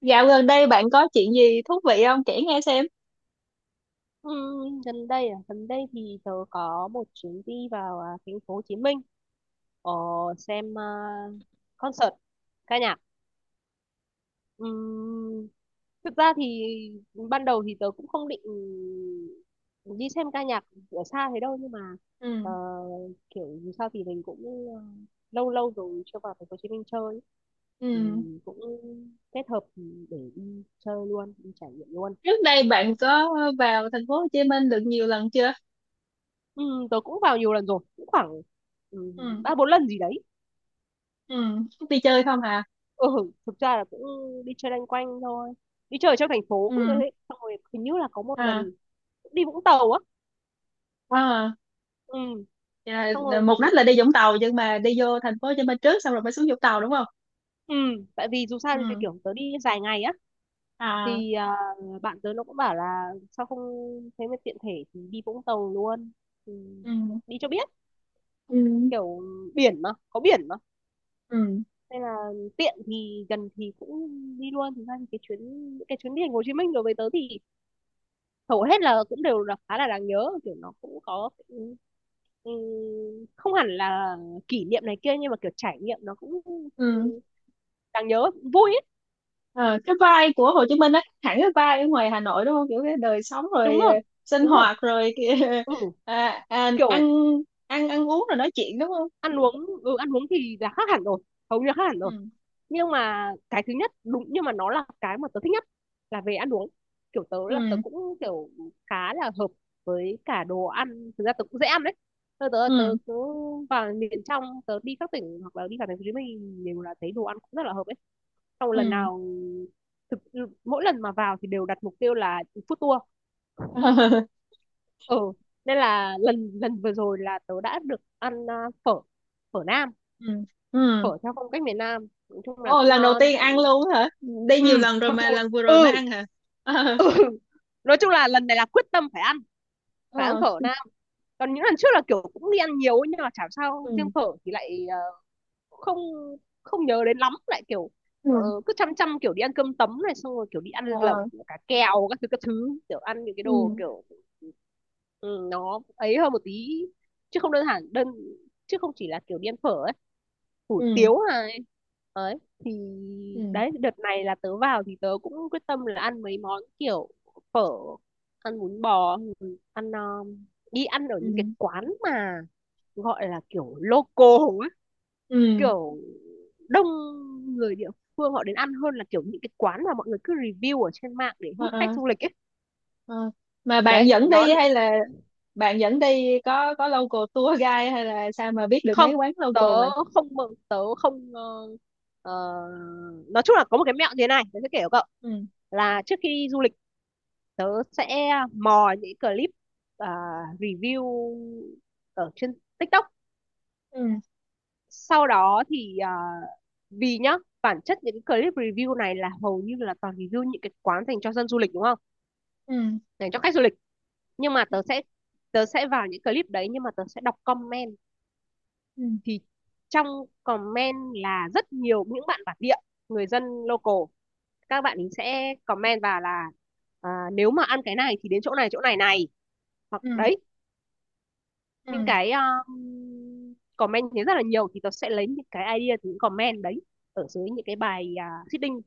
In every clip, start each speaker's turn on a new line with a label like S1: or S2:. S1: Dạo gần đây bạn có chuyện gì thú vị không? Kể nghe xem.
S2: Ừ, gần đây thì tớ có một chuyến đi vào thành phố Hồ Chí Minh, ờ, xem, concert ca nhạc. Ừm, thực ra thì ban đầu thì tớ cũng không định đi xem ca nhạc ở xa thế đâu, nhưng mà ờ,
S1: Ừ,
S2: kiểu dù sao thì mình cũng ờ, lâu lâu rồi chưa vào thành phố Hồ Chí Minh chơi, thì
S1: ừ.
S2: cũng kết hợp để đi chơi luôn, đi trải nghiệm luôn.
S1: Trước đây bạn có vào thành phố Hồ Chí Minh được nhiều lần chưa?
S2: Ừ, tớ cũng vào nhiều lần rồi, cũng khoảng ừ,
S1: Ừ,
S2: ba bốn lần gì đấy.
S1: ừ. Đi chơi không hả?
S2: Ừ, thực ra là cũng đi chơi loanh quanh thôi. Đi chơi ở trong thành phố
S1: Ừ.
S2: cũng thế. Xong rồi hình như là có một lần
S1: À.
S2: cũng đi Vũng Tàu á.
S1: Wow.
S2: Ừ,
S1: Vậy
S2: xong
S1: là
S2: rồi
S1: mục đích là đi Vũng Tàu nhưng mà đi vô thành phố Hồ Chí Minh trước xong rồi mới xuống Vũng Tàu đúng không?
S2: ừ, tại vì dù sao thì
S1: Ừ.
S2: kiểu tớ đi dài ngày á,
S1: À,
S2: thì bạn tớ nó cũng bảo là sao không thế mà tiện thể thì đi Vũng Tàu luôn. Ừ,
S1: ừ,
S2: đi cho biết,
S1: ừ.
S2: kiểu biển mà, có biển mà.
S1: Ừ,
S2: Nên là tiện thì gần thì cũng đi luôn. Thực ra thì cái chuyến những cái chuyến đi thành phố Hồ Chí Minh đối với tớ thì hầu hết là cũng đều là khá là đáng nhớ, kiểu nó cũng có ừm, không hẳn là kỷ niệm này kia, nhưng mà kiểu trải nghiệm nó cũng ừm,
S1: ừ.
S2: đáng nhớ, vui ấy.
S1: Ờ, cái vibe của Hồ Chí Minh á, hẳn cái vibe ở ngoài Hà Nội đúng không? Kiểu cái đời sống
S2: Đúng
S1: rồi,
S2: rồi,
S1: sinh
S2: đúng rồi.
S1: hoạt rồi kìa,
S2: ừ
S1: à, à,
S2: kiểu
S1: ăn ăn ăn uống rồi nói chuyện đúng không?
S2: ăn uống, ăn uống thì là khác hẳn rồi, hầu như là khác hẳn rồi.
S1: Ừ,
S2: Nhưng mà cái thứ nhất đúng, nhưng mà nó là cái mà tớ thích nhất là về ăn uống. Kiểu tớ là tớ
S1: ừ,
S2: cũng kiểu khá là hợp với cả đồ ăn, thực ra tớ cũng dễ ăn đấy. Tớ tớ tớ
S1: ừ,
S2: cứ vào miền trong, tớ đi các tỉnh hoặc là đi cả thành phố Hồ Chí Minh đều là thấy đồ ăn cũng rất là hợp ấy. Xong lần
S1: ừ,
S2: nào thực mỗi lần mà vào thì đều đặt mục tiêu là food tour.
S1: ừ.
S2: ừ nên là lần lần vừa rồi là tớ đã được ăn, phở phở Nam,
S1: Ừ, ừ.
S2: phở theo phong cách miền Nam, nói chung là
S1: Ồ,
S2: cũng
S1: lần đầu
S2: ngon,
S1: tiên ăn
S2: cũng...
S1: luôn hả? Đi
S2: ừ
S1: nhiều lần rồi
S2: mặc
S1: mà
S2: dù.
S1: lần vừa rồi mới
S2: ừ
S1: ăn hả? Ờ,
S2: nói chung là lần này là quyết tâm phải ăn,
S1: ờ,
S2: phở Nam. Còn những lần trước là kiểu cũng đi ăn nhiều nhưng mà chả sao, riêng
S1: ừ,
S2: phở thì lại không không nhớ đến lắm, lại kiểu ờ,
S1: ừ,
S2: cứ chăm chăm kiểu đi ăn cơm tấm này, xong rồi kiểu đi ăn lẩu
S1: ờ,
S2: cá kèo các thứ các thứ, kiểu ăn những cái đồ
S1: ừ,
S2: kiểu ừ, nó ấy hơn một tí, chứ không đơn giản đơn chứ không chỉ là kiểu đi ăn phở ấy, hủ
S1: ừ,
S2: tiếu này ấy. Thì
S1: ừ,
S2: đấy, đợt này là tớ vào thì tớ cũng quyết tâm là ăn mấy món kiểu phở, ăn bún bò, ừ, ăn đi ăn ở những cái
S1: ừ,
S2: quán mà gọi là kiểu local ấy,
S1: ừ,
S2: kiểu đông người địa phương họ đến ăn hơn là kiểu những cái quán mà mọi người cứ review ở trên mạng để
S1: ờ,
S2: hút khách
S1: ờ,
S2: du lịch ấy.
S1: ờ. Mà bạn
S2: Đấy
S1: dẫn
S2: nó
S1: đi hay là bạn dẫn đi, có local tour guide hay là sao mà biết được
S2: không
S1: mấy quán local mà?
S2: tớ không mừng tớ không ờ, ờ, nói chung là có một cái mẹo như thế này, tớ sẽ kể cho cậu.
S1: Ừ,
S2: Là trước khi đi du lịch, tớ sẽ mò những clip, à, review ở trên TikTok.
S1: ừ,
S2: Sau đó thì vì nhá, bản chất những cái clip review này là hầu như là toàn review những cái quán dành cho dân du lịch, đúng không,
S1: ừ,
S2: dành cho khách du lịch. Nhưng mà tớ sẽ vào những clip đấy nhưng mà tớ sẽ đọc comment.
S1: ừ,
S2: Thì trong comment là rất nhiều những bạn bản địa, người dân local, các bạn ấy sẽ comment vào là nếu mà ăn cái này thì đến chỗ này, chỗ này này, hoặc
S1: ừ,
S2: đấy, những
S1: ừ.
S2: cái comment thì rất là nhiều, thì tớ sẽ lấy những cái idea từ những comment đấy, ở dưới những cái bài, seeding,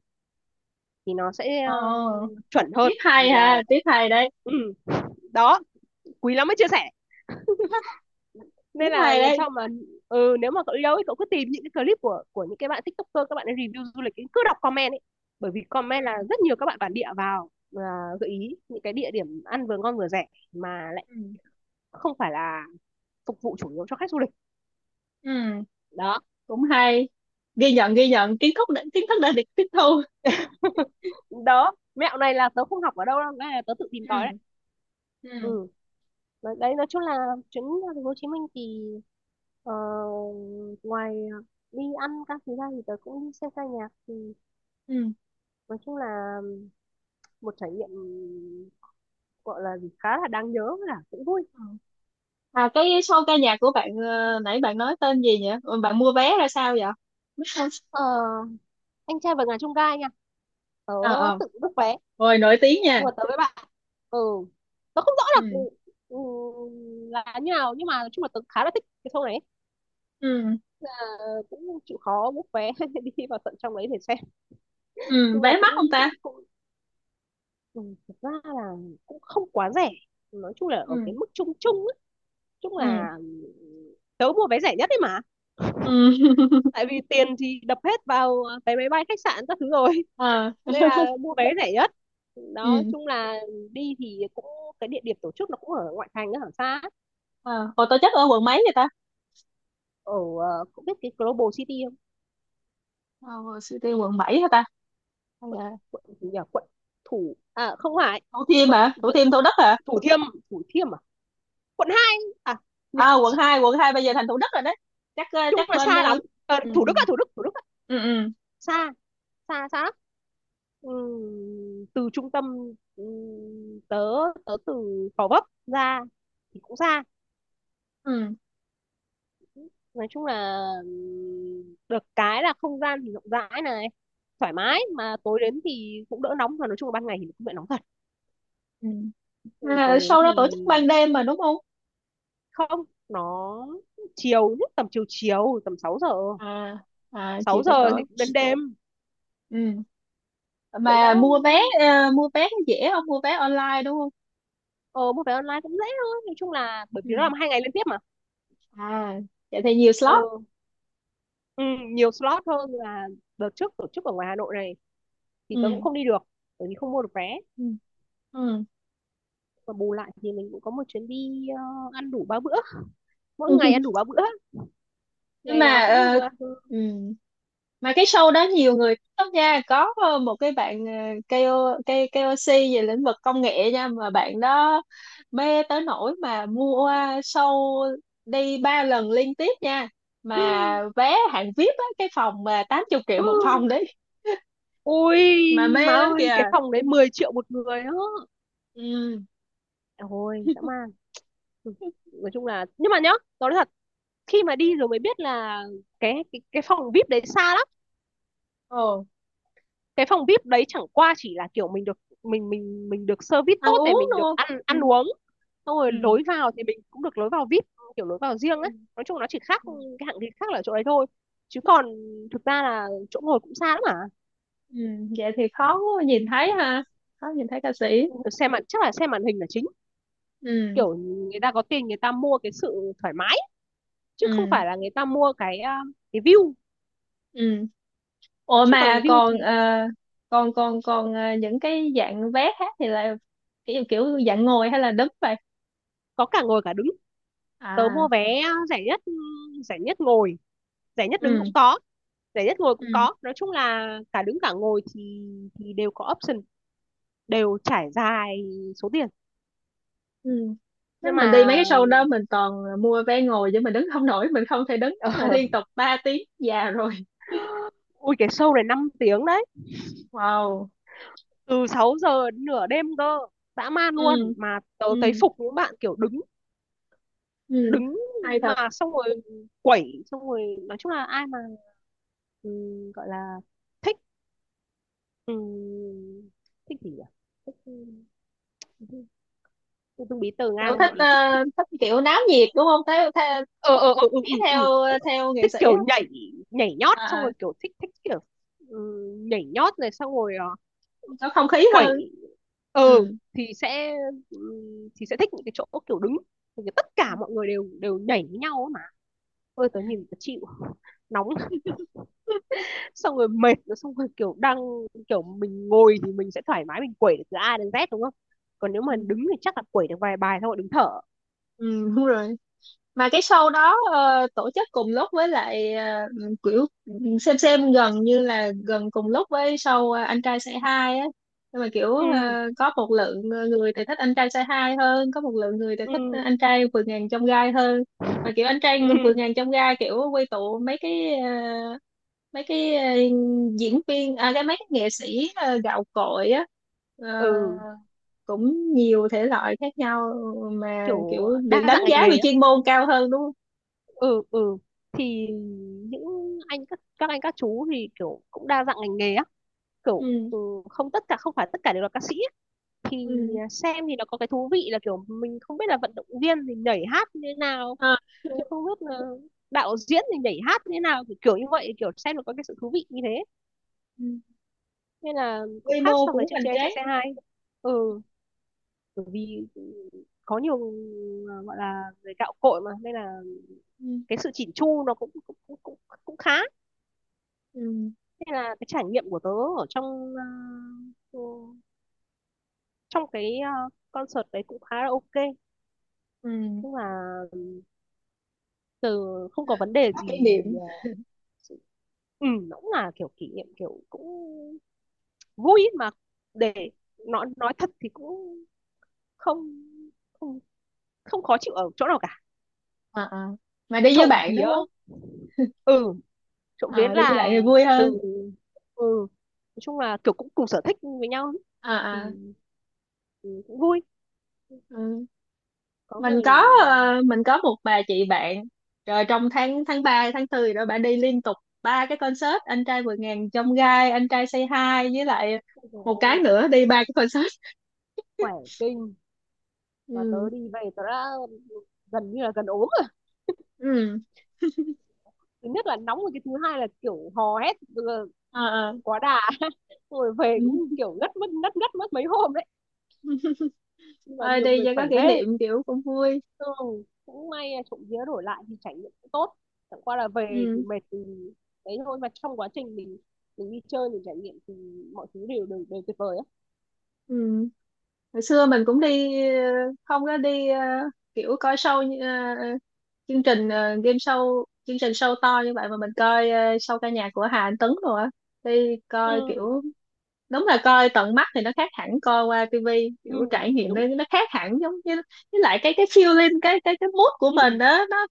S2: thì nó sẽ
S1: Ồ,
S2: chuẩn
S1: tiếp
S2: hơn.
S1: hay
S2: Thì
S1: ha,
S2: là
S1: tiếp hay đấy.
S2: ừ, đó, quý lắm mới chia sẻ.
S1: Tiếp
S2: Nên là
S1: hay
S2: lần
S1: đấy.
S2: sau mà nếu mà cậu đi đâu ấy, cậu cứ tìm những cái clip của những cái bạn tiktoker, các bạn ấy review du lịch ấy, cứ đọc comment ấy. Bởi vì comment là
S1: Ừ,
S2: rất nhiều các bạn bản địa vào, à, gợi ý những cái địa điểm ăn vừa ngon vừa rẻ, mà lại
S1: ừ,
S2: không phải là phục vụ chủ yếu cho khách du lịch.
S1: ừ.
S2: Đó.
S1: Cũng hay. Ghi nhận, ghi nhận. Kiến thức đã được tiếp thu.
S2: Đó, mẹo này là tớ không học ở đâu đâu, cái này là tớ tự tìm tòi đấy.
S1: Ừ, ừ,
S2: Ừ. Đấy đấy, nói chung là chuyến ra thành phố Hồ Chí Minh thì ờ, ngoài đi ăn các thứ ra thì tớ cũng đi xem ca nhạc, thì
S1: ừ,
S2: nói chung là một trải nghiệm, gọi là gì, khá là đáng nhớ, là cũng vui.
S1: ừ. À, cái show ca nhạc của bạn, nãy bạn nói tên gì nhỉ? Ừ, bạn mua vé ra sao vậy?
S2: ờ, anh trai vượt ngàn chông gai nha. Tớ
S1: Ờ, ờ.
S2: tự book vé,
S1: Ôi, nổi tiếng nha.
S2: xong rồi tớ với bạn. ừ tớ không rõ là
S1: Ừ,
S2: ừ, như nào nhưng mà nói chung là tớ khá là thích cái show này.
S1: ừ,
S2: à, cũng chịu khó book vé đi vào tận trong đấy để xem.
S1: ừ.
S2: Nhưng là
S1: Vé
S2: cũng
S1: mắc không ta?
S2: cũng cũng ừ, thực ra là cũng không quá rẻ, nói chung là ở
S1: Ừ,
S2: cái mức chung chung ấy. Chung
S1: ừ,
S2: là tớ mua vé rẻ nhất đấy mà,
S1: ừ.
S2: tại vì tiền thì đập hết vào vé máy bay khách sạn các thứ rồi.
S1: Ờ.
S2: Nên là mua vé rẻ nhất. Đó
S1: Ừ.
S2: chung là đi thì cũng cái địa điểm tổ chức nó cũng ở ngoại thành ở xa ấy.
S1: ờ Hồi tổ chức ở quận mấy vậy ta?
S2: Ở cũng biết cái Global City không?
S1: Ờ Suy tiên quận bảy hả ta? Hay là
S2: Quận gì nhỉ, quận à không phải,
S1: Thủ Thiêm
S2: quận
S1: hả? Thủ
S2: vẫn
S1: Thiêm, Thủ Đức hả?
S2: Thủ Thiêm, Thủ Thiêm, quận 2 à.
S1: À, quận hai, quận 2 bây giờ thành Thủ Đức rồi đấy. Chắc
S2: Chung
S1: chắc
S2: là
S1: bên
S2: xa lắm. Ờ,
S1: ừ,
S2: Thủ
S1: ừ,
S2: Đức à, Thủ Đức, Thủ Đức ạ.
S1: ừ, ừ,
S2: Xa, xa xa lắm. Từ trung tâm, tớ tớ từ Gò Vấp ra thì cũng xa.
S1: ừ,
S2: Nói chung là được cái là không gian thì rộng rãi này, thoải mái mà tối đến thì cũng đỡ nóng, mà nói chung là ban ngày thì cũng bị nóng thật.
S1: ừ.
S2: Ừ,
S1: À,
S2: tối đến
S1: sau đó tổ
S2: thì
S1: chức ban đêm mà đúng không?
S2: không, nó chiều nhất tầm chiều chiều, tầm 6 giờ,
S1: À. À, chiều
S2: 6
S1: tới
S2: giờ thì
S1: tối.
S2: cũng đến đêm.
S1: Ừ.
S2: Cậu
S1: mà
S2: đã.
S1: mua vé ờ, Mua vé có dễ không? Mua vé online đúng không?
S2: Ờ mua vé online cũng dễ thôi nói chung là, bởi vì
S1: Ừ.
S2: nó làm 2 ngày liên tiếp mà.
S1: À, vậy thì nhiều slot.
S2: Ừ, ừ, nhiều slot hơn là đợt trước tổ chức ở ngoài Hà Nội này thì tớ cũng
S1: Ừ,
S2: không đi được bởi vì không mua được vé.
S1: ừ,
S2: Và bù lại thì mình cũng có một chuyến đi, ăn đủ ba bữa, mỗi
S1: ừ.
S2: ngày ăn đủ ba bữa,
S1: Nhưng
S2: ngày
S1: mà,
S2: nào cũng
S1: ừm, mà cái show đó nhiều người thích lắm nha. Có, một cái bạn, KO, KOC về lĩnh vực công nghệ nha, mà bạn đó mê tới nỗi mà mua show đi ba lần liên tiếp nha. Mà vé hạng VIP á, cái phòng mà 80 triệu
S2: ừ.
S1: một phòng đấy, mà
S2: Ui má
S1: mê lắm
S2: ơi,
S1: kìa.
S2: cái phòng đấy 10 triệu một người đó.
S1: Ừ.
S2: Ôi dã man. Ừ. Nói chung là nhưng mà nhá, nói thật, khi mà đi rồi mới biết là cái phòng VIP đấy xa.
S1: Ồ.
S2: Cái phòng VIP đấy chẳng qua chỉ là kiểu mình được, mình được service
S1: Ăn
S2: tốt thì
S1: uống
S2: mình được
S1: luôn.
S2: ăn,
S1: Ừ,
S2: ăn uống. Xong rồi
S1: ừ,
S2: lối vào thì mình cũng được lối vào VIP, kiểu lối vào riêng
S1: ừ,
S2: ấy. Nói chung nó chỉ khác,
S1: ừ.
S2: cái hạng thì khác là chỗ đấy thôi, chứ còn thực ra là chỗ ngồi cũng xa lắm,
S1: Ừ, ừ. Vậy thì khó nhìn thấy ha, khó nhìn thấy ca sĩ.
S2: mà xem chắc là xem màn hình là chính.
S1: Ừ,
S2: Kiểu người ta có tiền người ta mua cái sự thoải mái, chứ không
S1: ừ,
S2: phải là người ta mua cái view,
S1: ừ. Ủa
S2: chứ còn
S1: mà
S2: view
S1: còn,
S2: thì.
S1: ờ, còn còn còn ờ, những cái dạng vé khác thì là kiểu kiểu dạng ngồi hay là đứng vậy?
S2: Có cả ngồi cả đứng. Tớ
S1: À,
S2: mua vé rẻ nhất, rẻ nhất ngồi, rẻ nhất đứng
S1: ừ,
S2: cũng có, rẻ nhất ngồi
S1: ừ,
S2: cũng có, nói chung là cả đứng cả ngồi thì đều có option, đều trải dài số tiền.
S1: ừ. Chắc
S2: Nhưng
S1: mình đi
S2: mà
S1: mấy cái show đó mình toàn mua vé ngồi chứ mình đứng không nổi, mình không thể đứng
S2: ờ,
S1: mà liên tục ba tiếng, già rồi.
S2: ui, cái show này 5 tiếng đấy,
S1: Wow.
S2: từ 6 giờ đến nửa đêm cơ, dã man luôn,
S1: Ừ,
S2: mà tớ thấy
S1: ừ,
S2: phục những bạn kiểu đứng,
S1: ừ.
S2: đứng
S1: Hay thật.
S2: mà xong rồi quẩy xong rồi, nói chung là ai mà ừ, gọi là thích, ừ, thích gì nhỉ, thích ừ, ừ, dung bí tờ
S1: Kiểu
S2: ngang,
S1: thích,
S2: gọi là thích thích,
S1: thích kiểu náo nhiệt đúng không? Theo theo
S2: ờ ờ ờ ừ, ừ, ừ,
S1: theo theo nghệ
S2: thích
S1: sĩ
S2: kiểu
S1: á.
S2: nhảy nhảy nhót xong
S1: À,
S2: rồi kiểu thích thích kiểu ừ, nhảy nhót này xong rồi
S1: có không khí
S2: quẩy.
S1: hơn.
S2: ừ
S1: Ừ.
S2: thì sẽ ừ, thích những cái chỗ kiểu đứng. Thì tất cả mọi người đều đều nhảy với nhau ấy mà. Ôi tớ nhìn tớ chịu nóng. Xong rồi mệt rồi, xong rồi kiểu kiểu mình ngồi thì mình sẽ thoải mái, mình quẩy được từ A đến Z đúng không, còn nếu mà
S1: Ừ,
S2: đứng thì chắc là quẩy được vài bài xong rồi đứng thở.
S1: ừ, đúng rồi. Mà cái show đó tổ chức cùng lúc với lại, kiểu xem gần như là gần cùng lúc với show, anh trai say hi á, nhưng mà kiểu,
S2: Ừ,
S1: có một lượng người thì thích anh trai say hi hơn, có một lượng người thì
S2: ừ,
S1: thích anh trai vượt ngàn chông gai hơn. Mà kiểu anh trai vượt
S2: ừ,
S1: ngàn chông gai kiểu quy tụ mấy cái, mấy cái ờ, diễn viên, à cái mấy cái nghệ sĩ gạo cội á. Ờ,
S2: ừ,
S1: cũng nhiều thể loại khác nhau, mà kiểu
S2: kiểu
S1: được
S2: đa
S1: đánh
S2: dạng ngành
S1: giá về
S2: nghề á.
S1: chuyên môn cao hơn đúng không?
S2: Ừ, ừ, thì những anh, các anh các chú thì kiểu cũng đa dạng ngành nghề á, kiểu
S1: Ừ.
S2: không phải tất cả đều là ca sĩ á. Thì
S1: Ừ.
S2: xem thì nó có cái thú vị là kiểu mình không biết là vận động viên thì nhảy hát như thế nào,
S1: À,
S2: cũng không biết là đạo diễn thì nhảy hát như thế nào, kiểu, kiểu như vậy, kiểu xem nó có cái sự thú vị như thế,
S1: ừ.
S2: nên là cũng
S1: Quy
S2: khác
S1: mô
S2: so với
S1: cũng
S2: chương
S1: hoành
S2: trình anh trai
S1: tráng.
S2: say hi. ừ bởi vì có nhiều gọi là người gạo cội mà, nên là
S1: Ừ.
S2: cái sự chỉn chu nó cũng cũng khá.
S1: Ừ.
S2: Nên là cái trải nghiệm của tớ ở trong ừ, trong cái concert đấy cũng khá là ok.
S1: Ừ.
S2: Nhưng mà từ không có
S1: À,
S2: vấn đề
S1: có
S2: gì.
S1: kỷ niệm.
S2: ờ, ừ, nó cũng là kiểu kỷ niệm, kiểu cũng vui ý, mà để nói thật thì cũng không không không khó chịu ở chỗ nào cả.
S1: À, à. Mà đi với
S2: Trộm
S1: bạn
S2: vía.
S1: đúng không?
S2: ừ trộm vía
S1: Ờ, đi với bạn
S2: là
S1: thì vui
S2: từ
S1: hơn.
S2: ừ nói chung là kiểu cũng cùng sở thích với nhau ý,
S1: À, à.
S2: thì, cũng vui.
S1: Ừ.
S2: Có người thì,
S1: Mình có một bà chị bạn, rồi trong tháng tháng ba, tháng tư, rồi bà đi liên tục ba cái concert: anh trai vượt ngàn chông gai, anh trai say hi với lại một cái
S2: ờ,
S1: nữa, đi ba cái concert.
S2: khỏe kinh, mà
S1: Ừ.
S2: tớ đi về tớ đã gần như là gần ốm rồi.
S1: Ừ,
S2: Thứ nhất là nóng rồi, cái thứ hai là kiểu hò hét
S1: ờ, ờ,
S2: quá đà. Rồi về cũng
S1: ừ.
S2: kiểu ngất mất mấy hôm đấy, nhưng mà
S1: Thôi,
S2: nhiều
S1: đi
S2: người
S1: cho
S2: khỏe
S1: có kỷ
S2: ghê.
S1: niệm, kiểu cũng vui.
S2: Ừ, cũng may là trộm vía đổi lại thì trải nghiệm cũng tốt, chẳng qua là về thì
S1: Ừ,
S2: mệt thì đấy thôi, mà trong quá trình mình đi chơi mình trải nghiệm thì mọi thứ đều đều, đều tuyệt vời á.
S1: ừ. Hồi xưa mình cũng đi, không có đi, kiểu coi show chương trình, game show, chương trình show to như vậy, mà mình coi, show ca nhạc của Hà Anh Tuấn rồi á. Đi coi
S2: Ừ,
S1: kiểu, đúng là coi tận mắt thì nó khác hẳn coi qua tivi,
S2: ừ
S1: kiểu trải nghiệm nó
S2: đúng.
S1: nó khác hẳn, giống như với lại cái feeling, cái mood của mình
S2: Ừ
S1: đó, nó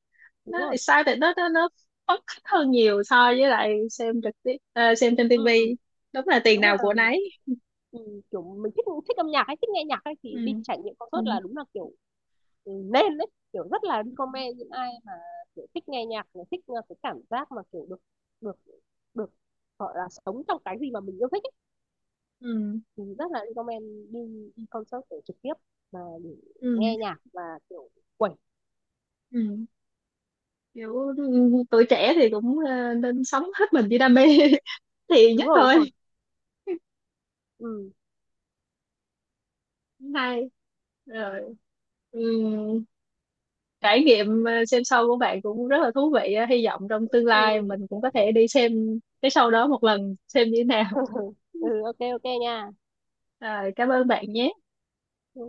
S2: đúng
S1: nó
S2: rồi.
S1: excited, nó phấn khích hơn nhiều so với lại xem trực tiếp, xem trên
S2: Ừ.
S1: tivi. Đúng là
S2: Nếu
S1: tiền
S2: mà
S1: nào của nấy.
S2: Ừ, kiểu mình thích thích âm nhạc hay thích nghe nhạc hay thì
S1: Ừ,
S2: đi trải nghiệm
S1: ừ,
S2: concert là đúng là kiểu nên đấy, kiểu rất là recommend những ai mà kiểu thích nghe nhạc này, thích cái cảm giác mà kiểu được được được gọi là sống trong cái gì mà mình yêu thích ấy,
S1: ừ,
S2: thì rất là recommend đi, đi concert để trực tiếp, mà để
S1: ừ,
S2: nghe nhạc và kiểu quẩy.
S1: ừ. Kiểu, tuổi trẻ thì cũng, nên sống hết mình với đam mê. Thì
S2: Đúng
S1: nhất
S2: rồi, đúng rồi.
S1: thôi.
S2: Ừ,
S1: Hay rồi. Ừ. Trải nghiệm, xem show của bạn cũng rất là thú vị á. Hy vọng trong tương lai
S2: ừ.
S1: mình cũng có thể đi xem cái show đó một lần, xem như thế nào.
S2: Ừ, ok, ok nha.
S1: À, cảm ơn bạn nhé.
S2: Ừ.